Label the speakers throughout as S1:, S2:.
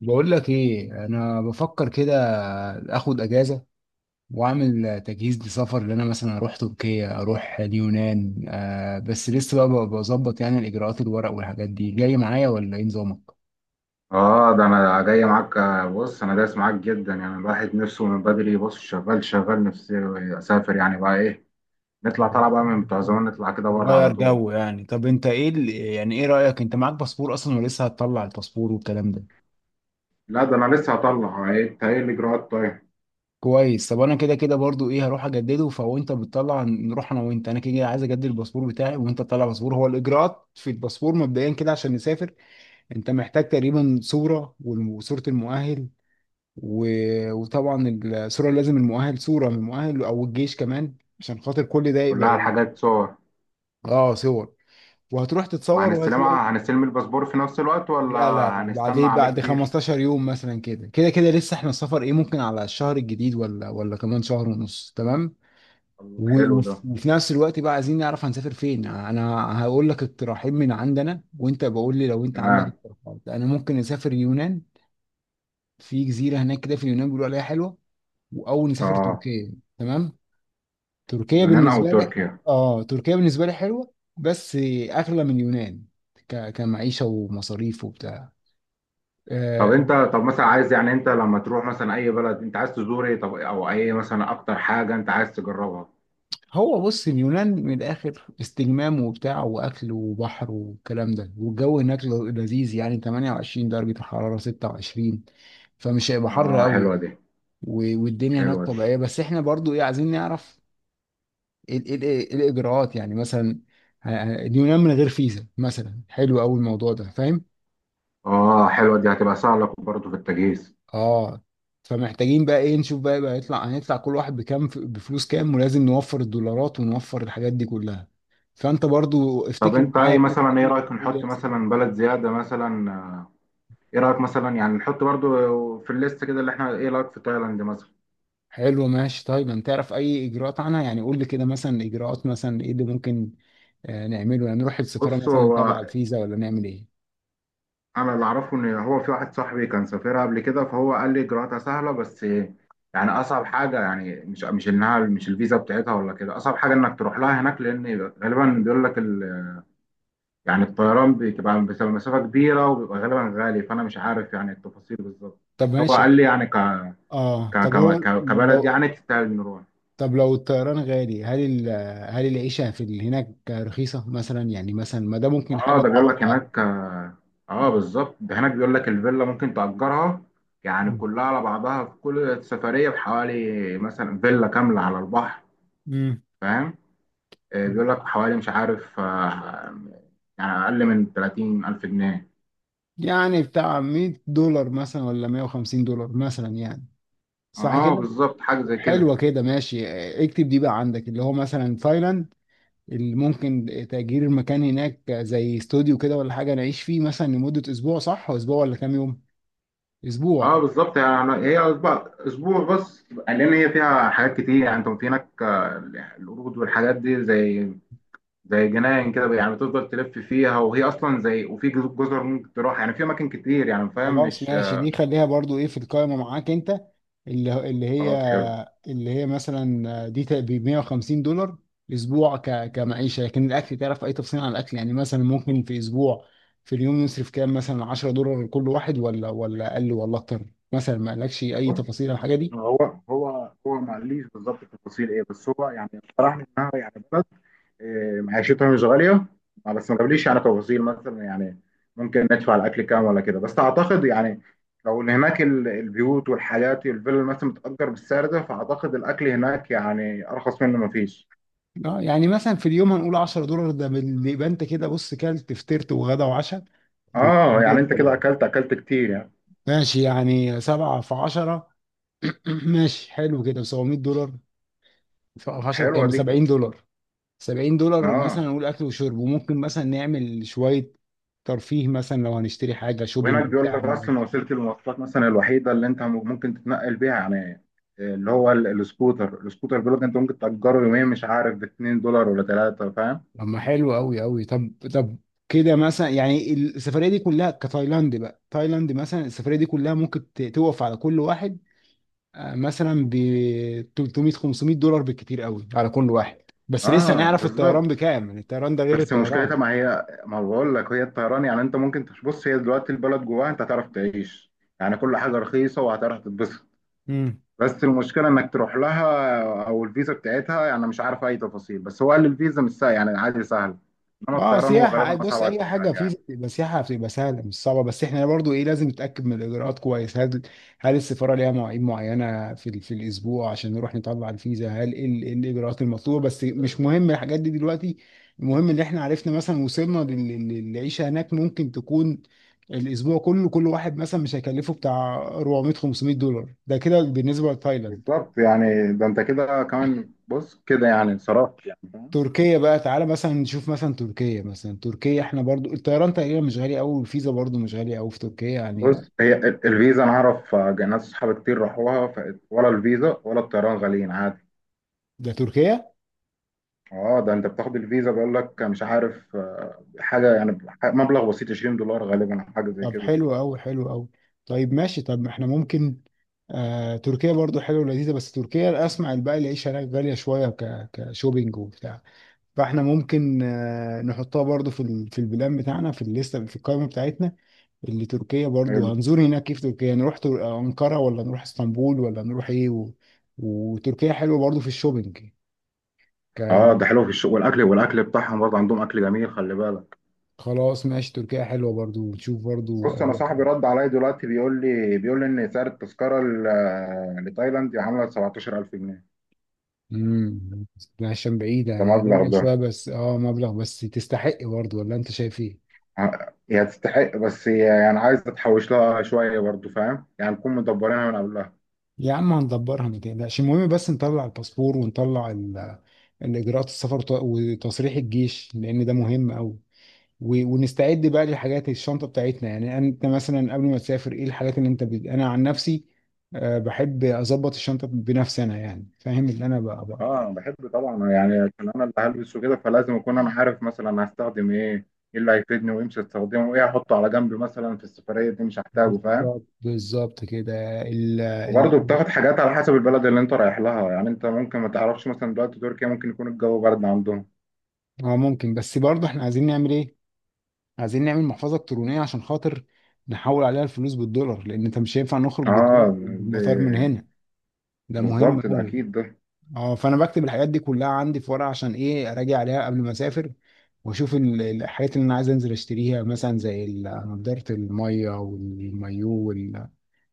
S1: بقول لك ايه؟ انا بفكر كده اخد اجازه واعمل تجهيز لسفر، اللي انا مثلا اروح تركيا، اروح اليونان. بس لسه بقى بظبط يعني الاجراءات، الورق والحاجات دي جاي معايا، ولا ايه نظامك؟
S2: اه، ده انا جاي معاك، بص انا دايس معاك جدا. يعني الواحد نفسه من بدري، بص شغال نفسي اسافر، يعني بقى ايه؟ نطلع بقى من بتوع زمان، نطلع كده بره على
S1: نغير
S2: طول.
S1: جو يعني. طب انت ايه يعني ايه رايك؟ انت معاك باسبور اصلا، ولسه هتطلع الباسبور والكلام ده؟
S2: لا، ده انا لسه هطلع. ايه إنت، ايه الاجراءات طيب؟
S1: كويس. طب انا كده كده برضو ايه، هروح اجدده. فهو انت بتطلع نروح انا وانت، انا كده كده عايز اجدد الباسبور بتاعي، وانت تطلع باسبور. هو الاجراءات في الباسبور مبدئيا كده عشان نسافر، انت محتاج تقريبا صورة، وصورة المؤهل، وطبعا الصورة، لازم المؤهل، صورة من المؤهل، او الجيش كمان، عشان خاطر كل ده
S2: كلها
S1: يبقى.
S2: الحاجات صور؟
S1: اه، صور. وهتروح تتصور وهتلاقوا.
S2: وهنستلمها هنستلم الباسبور في نفس الوقت ولا؟
S1: لا لا لا،
S2: هنستنى
S1: بعدين،
S2: عليه
S1: بعد
S2: كتير؟
S1: 15 يوم مثلا، كده كده كده لسه احنا السفر ايه، ممكن على الشهر الجديد، ولا كمان شهر ونص، تمام.
S2: طب
S1: و-
S2: حلو
S1: وف-
S2: ده،
S1: وفي نفس الوقت بقى عايزين نعرف هنسافر فين. انا هقول لك اقتراحين من عندنا، وانت بقول لي لو انت عندك
S2: تمام.
S1: اقتراحات. انا ممكن نسافر يونان، في جزيره هناك كده في اليونان بيقولوا عليها حلوه. واول نسافر
S2: اه،
S1: تركيا. تمام. تركيا
S2: يونان او
S1: بالنسبه لي،
S2: تركيا.
S1: اه تركيا بالنسبه لي حلوه، بس اغلى من اليونان، كمعيشه ومصاريف وبتاع.
S2: طب
S1: آه.
S2: انت طب مثلا عايز، يعني انت لما تروح مثلا اي بلد انت عايز تزور ايه؟ طب، او اي مثلا اكتر حاجة انت عايز تجربها؟
S1: هو بص، اليونان من الاخر استجمام وبتاع، واكل وبحر والكلام ده، والجو هناك لذيذ يعني، 28 درجه الحراره، 26، فمش هيبقى حر
S2: اه،
S1: قوي.
S2: حلوة دي.
S1: والدنيا هناك
S2: حلوة دي.
S1: طبيعيه. بس احنا برضو ايه عايزين نعرف إيه الاجراءات يعني. مثلا اليونان من غير فيزا مثلا، حلو قوي الموضوع ده، فاهم؟
S2: اه، حلوة دي، هتبقى سهلة برضه في التجهيز.
S1: اه. فمحتاجين بقى ايه نشوف بقى بقى، يطلع هنطلع كل واحد بكام، بفلوس كام، ولازم نوفر الدولارات ونوفر الحاجات دي كلها. فانت برضو
S2: طب
S1: افتكر
S2: انت
S1: معايا
S2: ايه،
S1: كده ايه
S2: مثلا ايه
S1: اللي
S2: رأيك
S1: المفروض
S2: نحط
S1: يحصل.
S2: مثلا بلد زيادة مثلا؟ ايه رأيك مثلا، يعني نحط برضه في الليست كده، اللي احنا، ايه رأيك في تايلاند مثلا؟
S1: حلو، ماشي. طيب انت تعرف اي اجراءات عنها؟ يعني قول لي كده مثلا، اجراءات، مثلا ايه اللي ممكن نعمله؟ يعني نروح السفارة
S2: بص،
S1: مثلا
S2: هو
S1: نطلع الفيزا، ولا نعمل ايه؟
S2: انا اللي اعرفه ان هو في واحد صاحبي كان سافرها قبل كده، فهو قال لي اجراءاتها سهلة بس. يعني اصعب حاجة، يعني مش انها مش الفيزا بتاعتها ولا كده، اصعب حاجة انك تروح لها هناك، لان غالبا بيقول لك يعني الطيران بتبقى مسافة كبيرة، وبيبقى غالبا غالي، فأنا مش عارف يعني التفاصيل بالظبط،
S1: طب
S2: بس هو
S1: ماشي،
S2: قال
S1: اهو.
S2: لي يعني
S1: اه طب هو
S2: كبلد
S1: لو،
S2: يعني تستاهل نروح.
S1: طب لو الطيران غالي، هل العيشة في هناك رخيصة مثلا؟ يعني مثلا ما ده ممكن حاجة
S2: اه، ده بيقول
S1: تعوض
S2: لك
S1: حاجة.
S2: هناك، بالظبط، ده هناك بيقول لك الفيلا ممكن تأجرها، يعني كلها على بعضها في كل سفرية بحوالي، مثلا فيلا كاملة على البحر،
S1: امم.
S2: فاهم؟ بيقول لك حوالي، مش عارف، يعني أقل من 30 ألف جنيه.
S1: يعني بتاع $100 مثلا، ولا $150 مثلا يعني، صح
S2: اه
S1: كده؟
S2: بالظبط، حاجة زي كده.
S1: حلوة كده، ماشي. اكتب دي بقى عندك، اللي هو مثلا تايلاند، اللي ممكن تأجير المكان هناك زي استوديو كده، ولا حاجة نعيش فيه مثلا لمدة أسبوع، صح؟ وأسبوع ولا كام يوم؟
S2: اه،
S1: أسبوع.
S2: بالظبط، يعني هي أسبوع اسبوع بس، لان هي فيها حاجات كتير، يعني انت في هناك، القرود والحاجات دي، زي جناين كده، يعني بتفضل تلف فيها، وهي اصلا زي، وفي جزر ممكن تروح، يعني في اماكن كتير، يعني فاهم
S1: خلاص،
S2: مش؟
S1: ماشي. دي خليها برضو ايه في القائمة معاك انت، اللي هي،
S2: خلاص حلو.
S1: اللي هي مثلا دي ب $150 اسبوع كمعيشة. لكن الاكل، تعرف اي تفصيل عن الاكل؟ يعني مثلا، ممكن في اسبوع، في اليوم نصرف كام، مثلا $10 لكل واحد، ولا اقل ولا اكتر مثلا؟ ما قالكش اي تفاصيل عن الحاجة دي؟
S2: هو ما قاليش بالظبط التفاصيل ايه، بس هو يعني اقترح لي انها يعني بلد، معيشتها مش غاليه، بس ما قاليش يعني تفاصيل، مثلا يعني ممكن ندفع الاكل كام ولا كده، بس اعتقد يعني لو ان هناك البيوت والحاجات والفيلا مثلا بتأجر بالسعر ده، فاعتقد الاكل هناك يعني ارخص منه ما فيش.
S1: اه، يعني مثلا في اليوم هنقول $10، يبقى انت كده بص كلت فطرت وغدا وعشاء
S2: اه، يعني
S1: وخليت.
S2: انت كده اكلت اكلت كتير يعني.
S1: ماشي يعني، سبعة في عشرة، ماشي، حلو كده، $700. هشرب كام،
S2: حلوه
S1: ب
S2: دي.
S1: $70. $70 مثلا
S2: اه،
S1: نقول اكل وشرب، وممكن مثلا نعمل شويه ترفيه، مثلا لو هنشتري حاجه شوبينج
S2: وهناك بيقول
S1: بتاع
S2: لك اصلا
S1: ملابس.
S2: وسيله المواصلات مثلا الوحيده اللي انت ممكن تتنقل بيها، يعني اللي هو السكوتر بيقول لك انت ممكن تاجره يوميا، مش عارف ب $2 ولا 3، فاهم؟
S1: طب ما حلو قوي قوي، طب طب كده مثلا يعني السفريه دي كلها كتايلاند بقى، تايلاند مثلا السفريه دي كلها ممكن توقف على كل واحد مثلا ب 300 $500 بالكتير قوي على كل واحد. بس لسه
S2: اه
S1: هنعرف الطيران
S2: بالظبط.
S1: بكام، يعني الطيران ده غير
S2: بس
S1: الطيران.
S2: مشكلتها ما هي ما بقول لك، هي الطيران يعني انت ممكن بص، هي دلوقتي البلد جواها انت هتعرف تعيش، يعني كل حاجه رخيصه وهتعرف تتبسط.
S1: مم.
S2: بس المشكله انك تروح لها، او الفيزا بتاعتها يعني مش عارف اي تفاصيل، بس هو قال الفيزا مش سهل، يعني عادي سهل. انما
S1: اه
S2: الطيران هو
S1: سياحة، اي
S2: غالبا
S1: بص
S2: اصعب
S1: اي حاجة
S2: حاجه
S1: في
S2: يعني.
S1: بتبقى سياحة بتبقى سهلة مش صعبة. بس احنا برضو ايه لازم نتأكد من الاجراءات كويس، هل، هل السفارة ليها مواعيد معينة في الاسبوع عشان نروح نطلع الفيزا؟ هل ايه إيه الاجراءات المطلوبة؟ بس مش مهم الحاجات دي دلوقتي، المهم ان احنا عرفنا، مثلا وصلنا للعيشة هناك ممكن تكون الاسبوع كله كل واحد مثلا مش هيكلفه بتاع 400 $500. ده كده بالنسبة لتايلاند.
S2: بالظبط، يعني ده انت كده كمان، بص كده يعني انصرفت، يعني فاهم.
S1: تركيا بقى، تعالى مثلا نشوف مثلا تركيا، مثلا تركيا احنا برضو الطيران تقريبا مش غالي قوي، والفيزا برضو مش غالية قوي في تركيا يعني.
S2: بص، هي الفيزا انا اعرف، ناس صحابي كتير راحوها، ولا الفيزا ولا الطيران غاليين عادي.
S1: ده تركيا.
S2: اه، ده انت بتاخد الفيزا، بيقول لك مش عارف حاجه، يعني مبلغ بسيط $20 غالبا، أو حاجه زي
S1: طب
S2: كده.
S1: حلو قوي، حلو قوي. طيب ماشي، طب ما احنا ممكن، آه تركيا برضو حلوة ولذيذة، بس تركيا اسمع بقى، العيشة هناك غالية شوية، ك كشوبينج وبتاع، فاحنا ممكن آه نحطها برضو في البلان بتاعنا، في الليستة، في القائمة بتاعتنا. اللي تركيا برضو
S2: حلو.
S1: هنزور هناك كيف تركيا، نروح أنقرة، ولا نروح اسطنبول، ولا نروح ايه، و، وتركيا حلوة برضو في الشوبينج،
S2: اه،
S1: كان.
S2: ده حلو في الشغل والاكل بتاعهم برضه عندهم اكل جميل، خلي بالك.
S1: خلاص ماشي، تركيا حلوة برضو، ونشوف برضو
S2: بص انا
S1: أجواء
S2: صاحبي
S1: تانية.
S2: رد عليا دلوقتي، بيقول لي ان سعر التذكره لتايلاند عامله 17000 جنيه.
S1: امم. عشان بعيدة
S2: ده
S1: هي،
S2: مبلغ
S1: غالية
S2: ده،
S1: شوية بس، اه مبلغ بس تستحق برضو، ولا انت شايف ايه؟
S2: هي تستحق، بس هي يعني عايز تتحوش لها شوية برضو فاهم، يعني نكون مدبرينها من قبلها.
S1: يا عم هندبرها ما تقلقش. المهم بس نطلع الباسبور، ونطلع الإجراءات السفر، وتصريح الجيش، لأن ده مهم أوي. ونستعد بقى للحاجات، الشنطه بتاعتنا يعني. انت مثلا قبل ما تسافر ايه الحاجات اللي انت انا عن نفسي بحب اظبط الشنطه بنفسي انا، يعني فاهم اللي انا بقى.
S2: اه، انا بحب طبعا، يعني عشان انا اللي هلبسه كده، فلازم اكون انا عارف مثلا أنا هستخدم ايه، ايه اللي هيفيدني وامشي استخدمه، وايه هحطه على جنب مثلا في السفرية دي مش هحتاجه فاهم.
S1: بالظبط بالظبط كده، ال.
S2: وبرضه بتاخد حاجات على حسب البلد اللي انت رايح لها، يعني انت ممكن ما تعرفش، مثلا دلوقتي تركيا ممكن يكون الجو برد عندهم.
S1: اه ممكن، بس برضه احنا عايزين نعمل ايه؟ عايزين نعمل محفظه الكترونيه، عشان خاطر نحول عليها الفلوس بالدولار، لان انت مش هينفع نخرج
S2: اه
S1: بالدولار
S2: دي.
S1: بالمطار من هنا. ده مهم
S2: بالظبط، ده
S1: قوي.
S2: اكيد ده.
S1: اه فانا بكتب الحاجات دي كلها عندي في ورقه، عشان ايه اراجع عليها قبل ما اسافر، واشوف الحاجات اللي انا عايز انزل اشتريها مثلا، زي نضاره الميه والمايو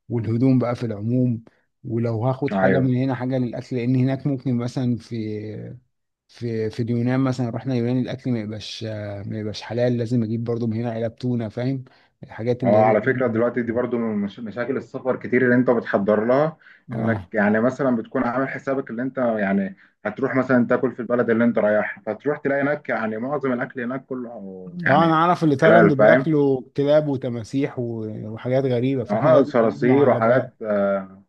S1: والهدوم بقى في العموم. ولو هاخد حاجه
S2: ايوه.
S1: من هنا، حاجه للاكل، لان هناك ممكن مثلا في، في اليونان مثلا، رحنا اليونان، الاكل ما يبقاش حلال، لازم اجيب برضو من هنا علب تونه، فاهم؟ الحاجات اللي هي
S2: اه، على فكرة دلوقتي
S1: ايه.
S2: دي برضو من مشاكل السفر كتير اللي انت بتحضر لها، انك
S1: اه،
S2: يعني مثلا بتكون عامل حسابك، اللي انت يعني هتروح مثلا تاكل في البلد اللي انت رايحها، فتروح تلاقي هناك يعني معظم الاكل هناك كله
S1: اه انا
S2: يعني
S1: عارف
S2: مش
S1: اللي تايلاند
S2: حلال فاهم.
S1: بياكلوا كلاب وتماسيح وحاجات غريبه، فاحنا
S2: اه،
S1: لازم نجيب
S2: صراصير وحاجات،
S1: معلبات.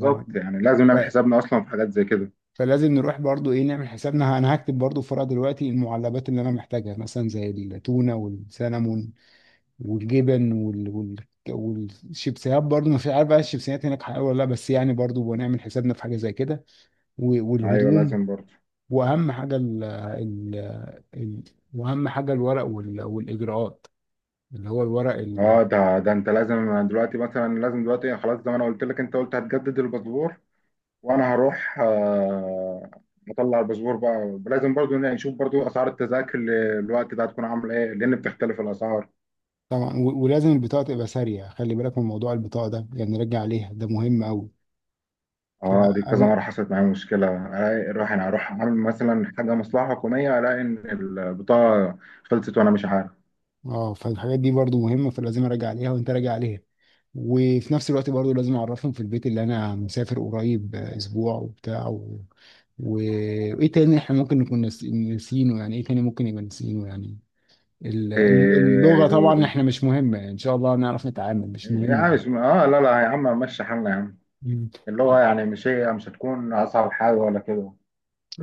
S1: اه،
S2: يعني لازم نعمل
S1: ف-
S2: حسابنا اصلا في حاجات زي كده.
S1: فلازم نروح برضو ايه نعمل حسابنا. انا هكتب برضو في ورقه دلوقتي المعلبات اللي انا محتاجها، مثلا زي التونه والسلمون والجبن والشيبسيهات برضو، ما في عارف بقى الشيبسيهات هناك حلوه ولا لا، بس يعني برضو هنعمل حسابنا في حاجه زي كده. و،
S2: ايوه
S1: والهدوم،
S2: لازم برضو.
S1: واهم حاجه ال... واهم حاجه الورق والاجراءات، اللي هو الورق.
S2: اه، ده انت لازم، دلوقتي مثلا لازم دلوقتي خلاص، زي ما انا قلت لك، انت قلت هتجدد الباسبور، وانا هروح مطلع الباسبور بقى. لازم برضو يعني نشوف برضو اسعار التذاكر الوقت ده هتكون عامله ايه، لان بتختلف الاسعار.
S1: طبعا. ولازم البطاقة تبقى سارية، خلي بالك من موضوع البطاقة ده، يعني نرجع عليها، ده مهم أوي.
S2: اه، دي كذا
S1: فأنا،
S2: مره حصلت معايا مشكله، الاقي اروح انا اروح اعمل مثلا حاجه مصلحه حكوميه، الاقي ان البطاقه خلصت وانا مش عارف.
S1: اه فالحاجات دي برضو مهمة، فلازم أراجع عليها وأنت راجع عليها. وفي نفس الوقت برضو لازم أعرفهم في البيت اللي أنا مسافر قريب، أسبوع وبتاع، و، و... وإيه تاني إحنا ممكن نكون ناسينه؟ يعني إيه تاني ممكن يبقى ناسينه يعني. اللغة طبعا
S2: إيه
S1: إحنا مش مهمة، يعني إن شاء الله نعرف نتعامل، مش مهم
S2: يعني
S1: دي.
S2: مش لا لا يا عم، مشي حالنا يا عم،
S1: مم.
S2: اللي هو يعني مش هي مش هتكون اصعب حاجه ولا كده.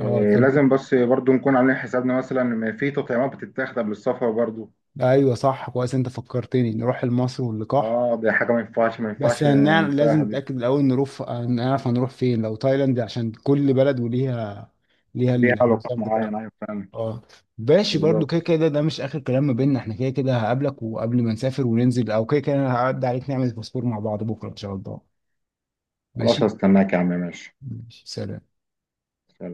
S1: اه طب،
S2: لازم بس برضو نكون عاملين حسابنا مثلا إن في تطعيمات بتتاخد قبل السفر برضو.
S1: ايوه صح، كويس انت فكرتني، نروح لمصر واللقاح.
S2: اه، دي حاجة ما ينفعش ما
S1: بس
S2: ينفعش
S1: هنعرف، لازم
S2: ننساها دي.
S1: نتأكد الأول، نروح نعرف هنروح فين لو تايلاند، عشان كل بلد وليها، ليها
S2: ليها علاقة
S1: النظام
S2: معين،
S1: بتاعها.
S2: ايوه فعلا.
S1: اه، ماشي. برضو كده
S2: بالظبط.
S1: كده ده مش آخر كلام ما بيننا احنا، كده كده هقابلك، وقبل ما نسافر وننزل، أو كده كده أنا هعدي عليك نعمل باسبور مع بعض بكرة إن شاء الله.
S2: خلاص،
S1: ماشي.
S2: هستناك يا عم، ماشي.
S1: ماشي، سلام.
S2: سلام.